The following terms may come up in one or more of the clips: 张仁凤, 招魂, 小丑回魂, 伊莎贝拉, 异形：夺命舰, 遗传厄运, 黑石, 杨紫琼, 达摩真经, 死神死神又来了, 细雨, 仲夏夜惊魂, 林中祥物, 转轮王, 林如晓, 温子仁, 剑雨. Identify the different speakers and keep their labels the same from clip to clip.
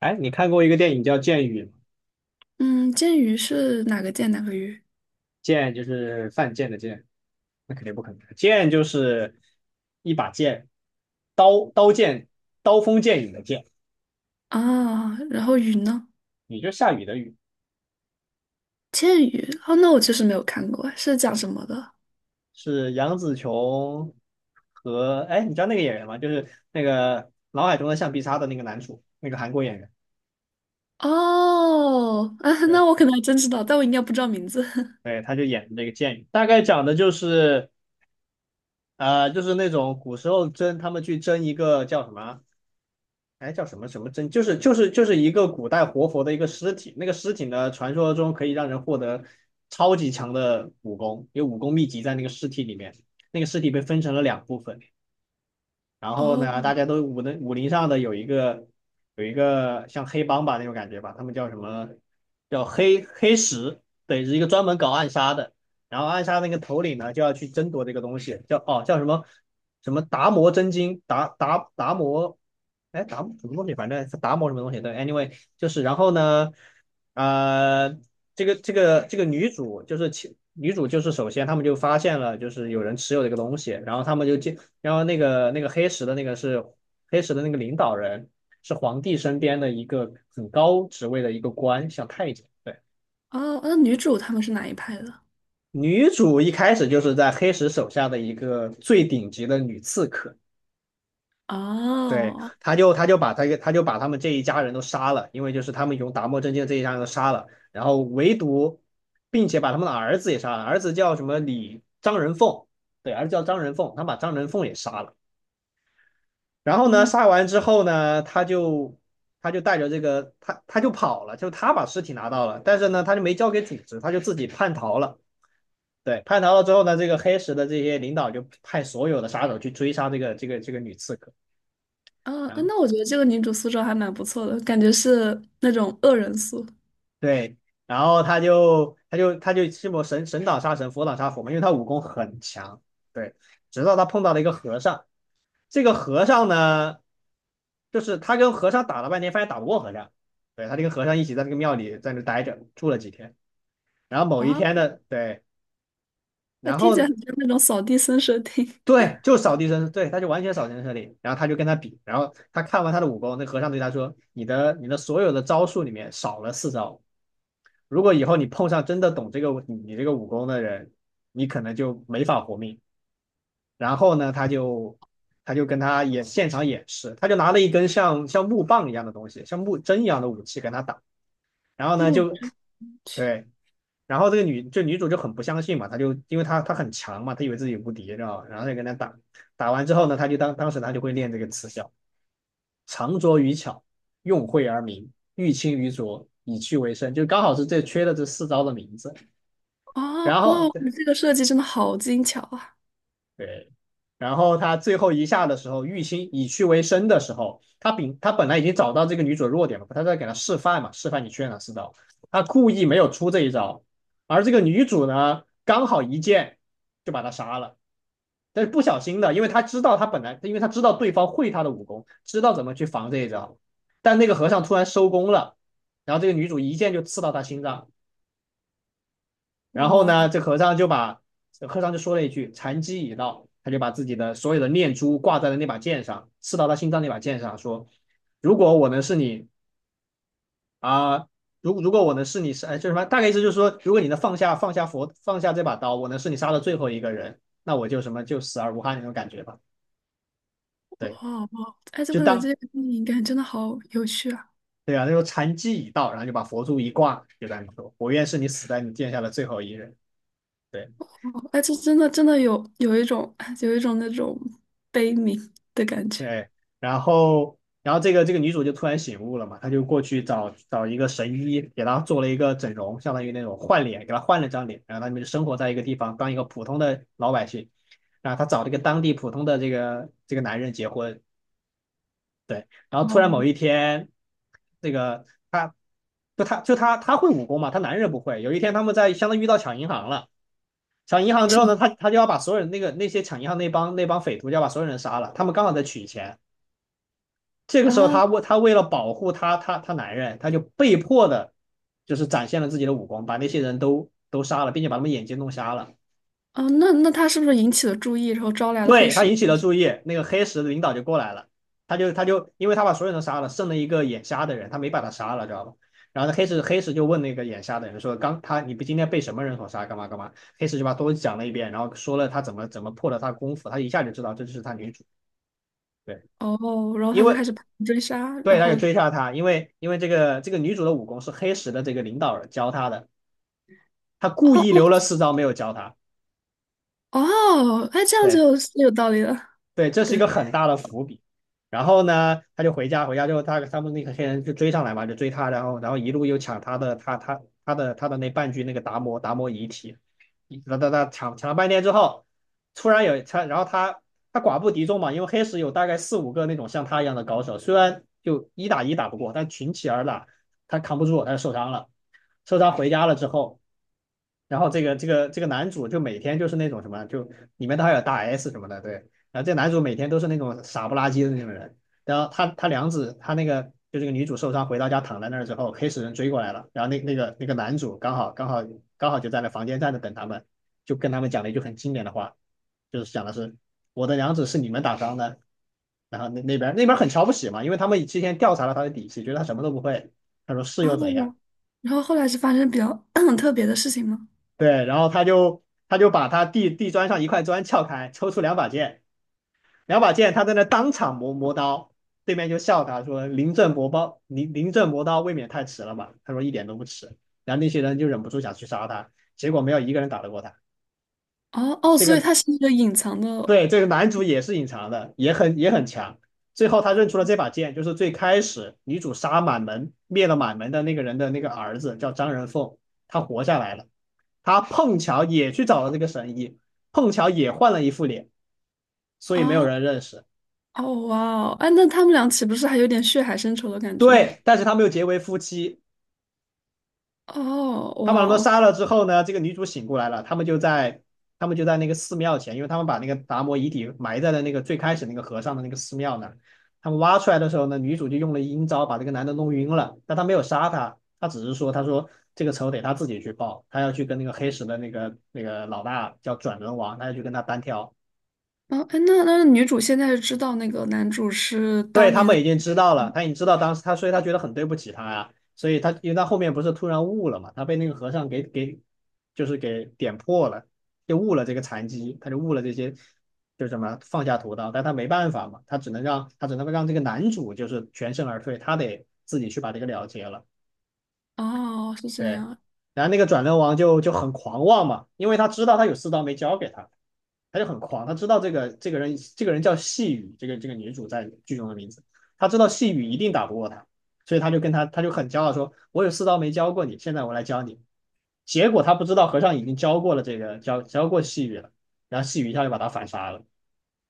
Speaker 1: 哎，你看过一个电影叫《剑雨》吗？
Speaker 2: 嗯，剑鱼是哪个剑哪个鱼
Speaker 1: 剑就是犯贱的剑，那肯定不可能。剑就是一把剑，刀刀剑，刀锋剑影的剑，
Speaker 2: 啊？然后鱼呢？
Speaker 1: 也就是下雨的雨，
Speaker 2: 剑鱼哦，那我确实没有看过，是讲什么的？
Speaker 1: 是杨紫琼和哎，你知道那个演员吗？就是那个脑海中的橡皮擦的那个男主，那个韩国演员，
Speaker 2: 哦，啊，
Speaker 1: 对
Speaker 2: 那我可能还真知道，但我应该不知道名字。
Speaker 1: 对，他就演的这个剑雨，大概讲的就是就是那种古时候他们去争一个叫什么啊哎，叫什么什么真，就是一个古代活佛的一个尸体，那个尸体呢，传说中可以让人获得超级强的武功，有武功秘籍在那个尸体里面，那个尸体被分成了两部分，然后
Speaker 2: 哦
Speaker 1: 呢，大家都武林上的有一个像黑帮吧那种感觉吧，他们叫什么？叫黑石，对，是一个专门搞暗杀的。然后暗杀那个头领呢，就要去争夺这个东西，叫什么什么达摩真经，达摩，哎达摩什么东西，反正是达摩什么东西。对，anyway 就是然后呢，呃，这个女主就是首先他们就发现了就是有人持有这个东西，然后他们然后那个黑石的那个领导人是皇帝身边的一个很高职位的一个官，像太监。对，
Speaker 2: 哦，那女主他们是哪一派的？
Speaker 1: 女主一开始就是在黑石手下的一个最顶级的女刺客。对，
Speaker 2: 哦，
Speaker 1: 他就把他们这一家人都杀了，因为就是他们用达摩真经这一家人都杀了，然后并且把他们的儿子也杀了，儿子叫什么张仁凤，对，儿子叫张仁凤，他把张仁凤也杀了。然后呢，
Speaker 2: 嗯
Speaker 1: 杀完之后呢，他就带着这个他就跑了，就他把尸体拿到了，但是呢，他就没交给组织，他就自己叛逃了。对，叛逃了之后呢，这个黑石的这些领导就派所有的杀手去追杀这个女刺客。
Speaker 2: 哦啊
Speaker 1: 然后
Speaker 2: 那我觉得这个女主塑造还蛮不错的，感觉是那种恶人塑。
Speaker 1: 对，然后他就这么神神挡杀神，佛挡杀佛嘛，因为他武功很强。对，直到他碰到了一个和尚，这个和尚呢。就是他跟和尚打了半天，发现打不过和尚，对他就跟和尚一起在那个庙里在那待着住了几天，然后某一
Speaker 2: 啊，
Speaker 1: 天
Speaker 2: 那
Speaker 1: 呢，对，然
Speaker 2: 听
Speaker 1: 后
Speaker 2: 起来
Speaker 1: 呢，
Speaker 2: 很像那种扫地僧设定。
Speaker 1: 对，就扫地僧，对，他就完全扫地僧里，然后他就跟他比，然后他看完他的武功，那和尚对他说，你的所有的招数里面少了四招，如果以后你碰上真的懂这个你这个武功的人，你可能就没法活命。然后呢，他就跟他现场演示，他就拿了一根像木棒一样的东西，像木针一样的武器跟他打。然后呢，
Speaker 2: 木
Speaker 1: 就
Speaker 2: 之
Speaker 1: 对，然后这个女主就很不相信嘛，她就因为她很强嘛，她以为自己无敌，知道吧？然后就跟他打，打完之后呢，她就当时她就会练这个词效，长拙于巧，用晦而明，欲清于拙，以屈为伸，就刚好是这缺的这四招的名字。
Speaker 2: 哦，
Speaker 1: 然
Speaker 2: 哇，
Speaker 1: 后
Speaker 2: 你这个设计真的好精巧啊！
Speaker 1: 对，然后他最后一下的时候，玉心以屈为伸的时候，他本来已经找到这个女主的弱点了，他在给她示范嘛，示范你缺哪四招，他故意没有出这一招，而这个女主呢，刚好一剑就把他杀了，但是不小心的，因为他知道他本来，因为他知道对方会他的武功，知道怎么去防这一招，但那个和尚突然收功了，然后这个女主一剑就刺到他心脏。然后呢，
Speaker 2: 哇。
Speaker 1: 这和尚就把和尚就说了一句“禅机已到”，他就把自己的所有的念珠挂在了那把剑上，刺到他心脏那把剑上，说：“如果我能是你啊，如果我能是你是，哎，就是什么？大概意思就是说，如果你能放下放下这把刀，我能是你杀的最后一个人，那我就什么就死而无憾那种感觉吧。
Speaker 2: 哦
Speaker 1: 对，
Speaker 2: 哦，哎，这
Speaker 1: 就
Speaker 2: 个
Speaker 1: 当
Speaker 2: 这个电影感真的好有趣啊！
Speaker 1: 对啊，他说禅机已到，然后就把佛珠一挂，就在那说：我愿是你死在你剑下的最后一人。对，
Speaker 2: 哦哎，这真的有一种有一种那种悲悯的感觉。
Speaker 1: 对，然后这个女主就突然醒悟了嘛，她就过去找一个神医，给她做了一个整容，相当于那种换脸，给她换了张脸，然后他们就生活在一个地方，当一个普通的老百姓。然后她找了一个当地普通的这个男人结婚，对，然后突然某
Speaker 2: 哦，
Speaker 1: 一天，这个她就她就她她会武功嘛，她男人不会。有一天他们在相当于遇到抢银行了。抢银行之后呢，他就要把所有人那个那些抢银行那帮匪徒就要把所有人杀了，他们刚好在取钱，这个
Speaker 2: 哦
Speaker 1: 时候
Speaker 2: 啊
Speaker 1: 他为了保护他男人，他就被迫的，就是展现了自己的武功，把那些人都杀了，并且把他们眼睛弄瞎了。
Speaker 2: 啊，那他是不是引起了注意，然后招来了黑
Speaker 1: 对，他
Speaker 2: 石？
Speaker 1: 引起了注意，那个黑石的领导就过来了，他就因为他把所有人杀了，剩了一个眼瞎的人，他没把他杀了，知道吧？然后那黑石就问那个眼瞎的人说：“刚他你不今天被什么人所杀？干嘛干嘛？”黑石就把都讲了一遍，然后说了他怎么破了他功夫，他一下就知道这就是他女主。对，
Speaker 2: 哦，然后
Speaker 1: 因
Speaker 2: 他就
Speaker 1: 为
Speaker 2: 开始盘追杀，
Speaker 1: 对，
Speaker 2: 然
Speaker 1: 他就
Speaker 2: 后
Speaker 1: 追杀他，因为这个女主的武功是黑石的这个领导人教她的，他故意留了
Speaker 2: 哦
Speaker 1: 四招没有教她。
Speaker 2: 哦哦，哎，这样
Speaker 1: 对。
Speaker 2: 就是有道理了。
Speaker 1: 对，这是一
Speaker 2: 对
Speaker 1: 个很大的伏笔。然后呢，他就回家，回家之后他们那个黑人就追上来嘛，就追他，然后一路又抢他的他的那半具那个达摩遗体，他抢了半天之后，突然有他，然后他寡不敌众嘛，因为黑石有大概四五个那种像他一样的高手，虽然就一打一打不过，但群起而打，他扛不住，他就受伤了，受伤回家了之后。然后这个男主就每天就是那种什么，就里面都还有大 S 什么的，对，然后这男主每天都是那种傻不拉几的那种人，然后他他娘子他那个就这个女主受伤回到家躺在那儿之后，黑死人追过来了，然后那个男主刚好就在那房间站着等他们，就跟他们讲了一句很经典的话，就是讲的是我的娘子是你们打伤的，然后那边很瞧不起嘛，因为他们之前调查了他的底细，觉得他什么都不会，他说是
Speaker 2: 啊，
Speaker 1: 又怎
Speaker 2: 然
Speaker 1: 样？
Speaker 2: 后然后后来是发生比较 特别的事情吗？
Speaker 1: 对，然后他就把他地砖上一块砖撬开，抽出两把剑。两把剑，他在那当场磨磨刀，对面就笑他说："临阵磨刀，临阵磨刀未免太迟了吧？"他说一点都不迟。然后那些人就忍不住想去杀他，结果没有一个人打得过他。
Speaker 2: 哦哦，
Speaker 1: 这
Speaker 2: 所以
Speaker 1: 个
Speaker 2: 它是一个隐藏的
Speaker 1: 对这个男主也是隐藏的，也很强。最后他认出了这把剑，就是最开始女主杀满门灭了满门的那个人的那个儿子叫张仁凤，他活下来了。他碰巧也去找了这个神医，碰巧也换了一副脸，所以没
Speaker 2: 啊。
Speaker 1: 有
Speaker 2: 哦
Speaker 1: 人认识。
Speaker 2: 哦哇哦，哎，那他们俩岂不是还有点血海深仇的感觉？
Speaker 1: 对，但是他们又结为夫妻。
Speaker 2: 哦
Speaker 1: 他
Speaker 2: 哇
Speaker 1: 把他们
Speaker 2: 哦，
Speaker 1: 杀了之后呢，这个女主醒过来了，他们就在那个寺庙前，因为他们把那个达摩遗体埋在了那个最开始那个和尚的那个寺庙那儿。他们挖出来的时候呢，女主就用了阴招把这个男的弄晕了，但他没有杀他，他只是说，他说这个仇得他自己去报，他要去跟那个黑石的那个老大叫转轮王，他要去跟他单挑。
Speaker 2: 嗯，哎，那那女主现在是知道那个男主是
Speaker 1: 对，
Speaker 2: 当
Speaker 1: 他
Speaker 2: 年的，
Speaker 1: 们已经知道了，他已经知道当时他，所以他觉得很对不起他呀、所以他因为他后面不是突然悟了嘛，他被那个和尚给就是给点破了，就悟了这个禅机，他就悟了这些就是什么放下屠刀，但他没办法嘛，他只能让这个男主就是全身而退，他得自己去把这个了结了。
Speaker 2: 哦，是
Speaker 1: 对，
Speaker 2: 这样，
Speaker 1: 然后那个转轮王就很狂妄嘛，因为他知道他有四刀没交给他，他就很狂，他知道这个这个人这个人叫细雨，这个女主在剧中的名字，他知道细雨一定打不过他，所以他就跟他就很骄傲说，我有四刀没教过你，现在我来教你。结果他不知道和尚已经教过了这个教过细雨了，然后细雨一下就把他反杀了，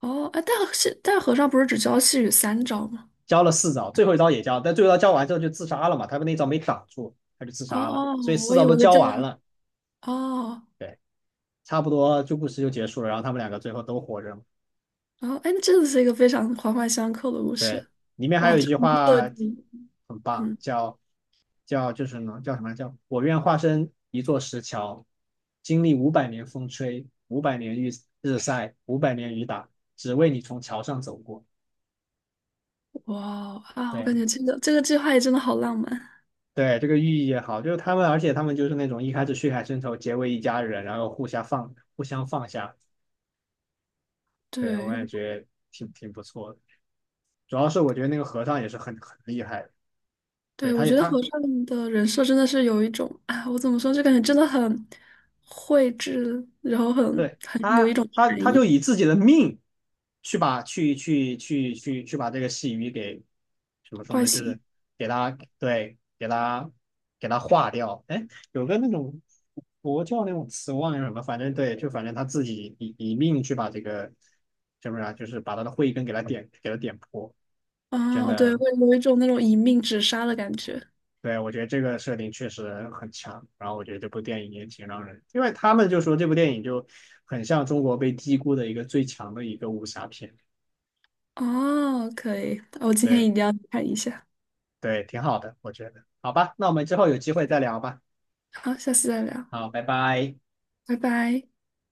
Speaker 2: 哦，哎，大但大和尚不是只教细雨三招吗？
Speaker 1: 教了四招，最后一招也教，但最后一招教完之后就自杀了嘛，他那一招没挡住，他就自
Speaker 2: 哦
Speaker 1: 杀了，
Speaker 2: 哦，
Speaker 1: 所以四
Speaker 2: 我
Speaker 1: 招
Speaker 2: 以
Speaker 1: 都
Speaker 2: 为是
Speaker 1: 教
Speaker 2: 教，
Speaker 1: 完了。
Speaker 2: 哦
Speaker 1: 对。差不多就故事就结束了，然后他们两个最后都活着嘛
Speaker 2: 哦，哎，那真的是一个非常环环相扣的故
Speaker 1: 对，
Speaker 2: 事，
Speaker 1: 里面还
Speaker 2: 哇，
Speaker 1: 有一
Speaker 2: 这
Speaker 1: 句
Speaker 2: 个设
Speaker 1: 话
Speaker 2: 定，
Speaker 1: 很棒，
Speaker 2: 嗯，
Speaker 1: 叫就是呢叫什么叫我愿化身一座石桥，经历五百年风吹，五百年日晒，五百年雨打，只为你从桥上走过。
Speaker 2: 哇哦啊，我感
Speaker 1: 对
Speaker 2: 觉这个计划也真的好浪漫，
Speaker 1: 对，这个寓意也好，就是他们，而且他们就是那种一开始血海深仇，结为一家人，然后互相放下。对，我
Speaker 2: 对，
Speaker 1: 感觉挺不错的，主要是我觉得那个和尚也是很厉害的。对，
Speaker 2: 对，我
Speaker 1: 他也
Speaker 2: 觉得和
Speaker 1: 他
Speaker 2: 尚的人设真的是有一种啊，我怎么说，就感觉真的很绘制，然后很
Speaker 1: 对
Speaker 2: 很有一
Speaker 1: 他，
Speaker 2: 种
Speaker 1: 他
Speaker 2: 禅
Speaker 1: 他
Speaker 2: 意
Speaker 1: 就以自己的命去把这个细鱼给怎么说
Speaker 2: 惯
Speaker 1: 呢？就
Speaker 2: 性
Speaker 1: 是给他对给他化掉。哎，有个那种佛教那种词忘了叫什么，反正对，就反正他自己以命去把这个是不是啊，就是把他的慧根给他点破，真
Speaker 2: 啊，对，
Speaker 1: 的
Speaker 2: 会有一种那种一命只杀的感觉。
Speaker 1: 对，我觉得这个设定确实很强，然后我觉得这部电影也挺让人，因为他们就说这部电影就很像中国被低估的一个最强的一个武侠片，
Speaker 2: 哦，可以，我今天
Speaker 1: 对
Speaker 2: 一定要看一下。
Speaker 1: 对，挺好的，我觉得。好吧，那我们之后有机会再聊吧。
Speaker 2: 好，下次再聊，
Speaker 1: 好，拜拜。
Speaker 2: 拜拜。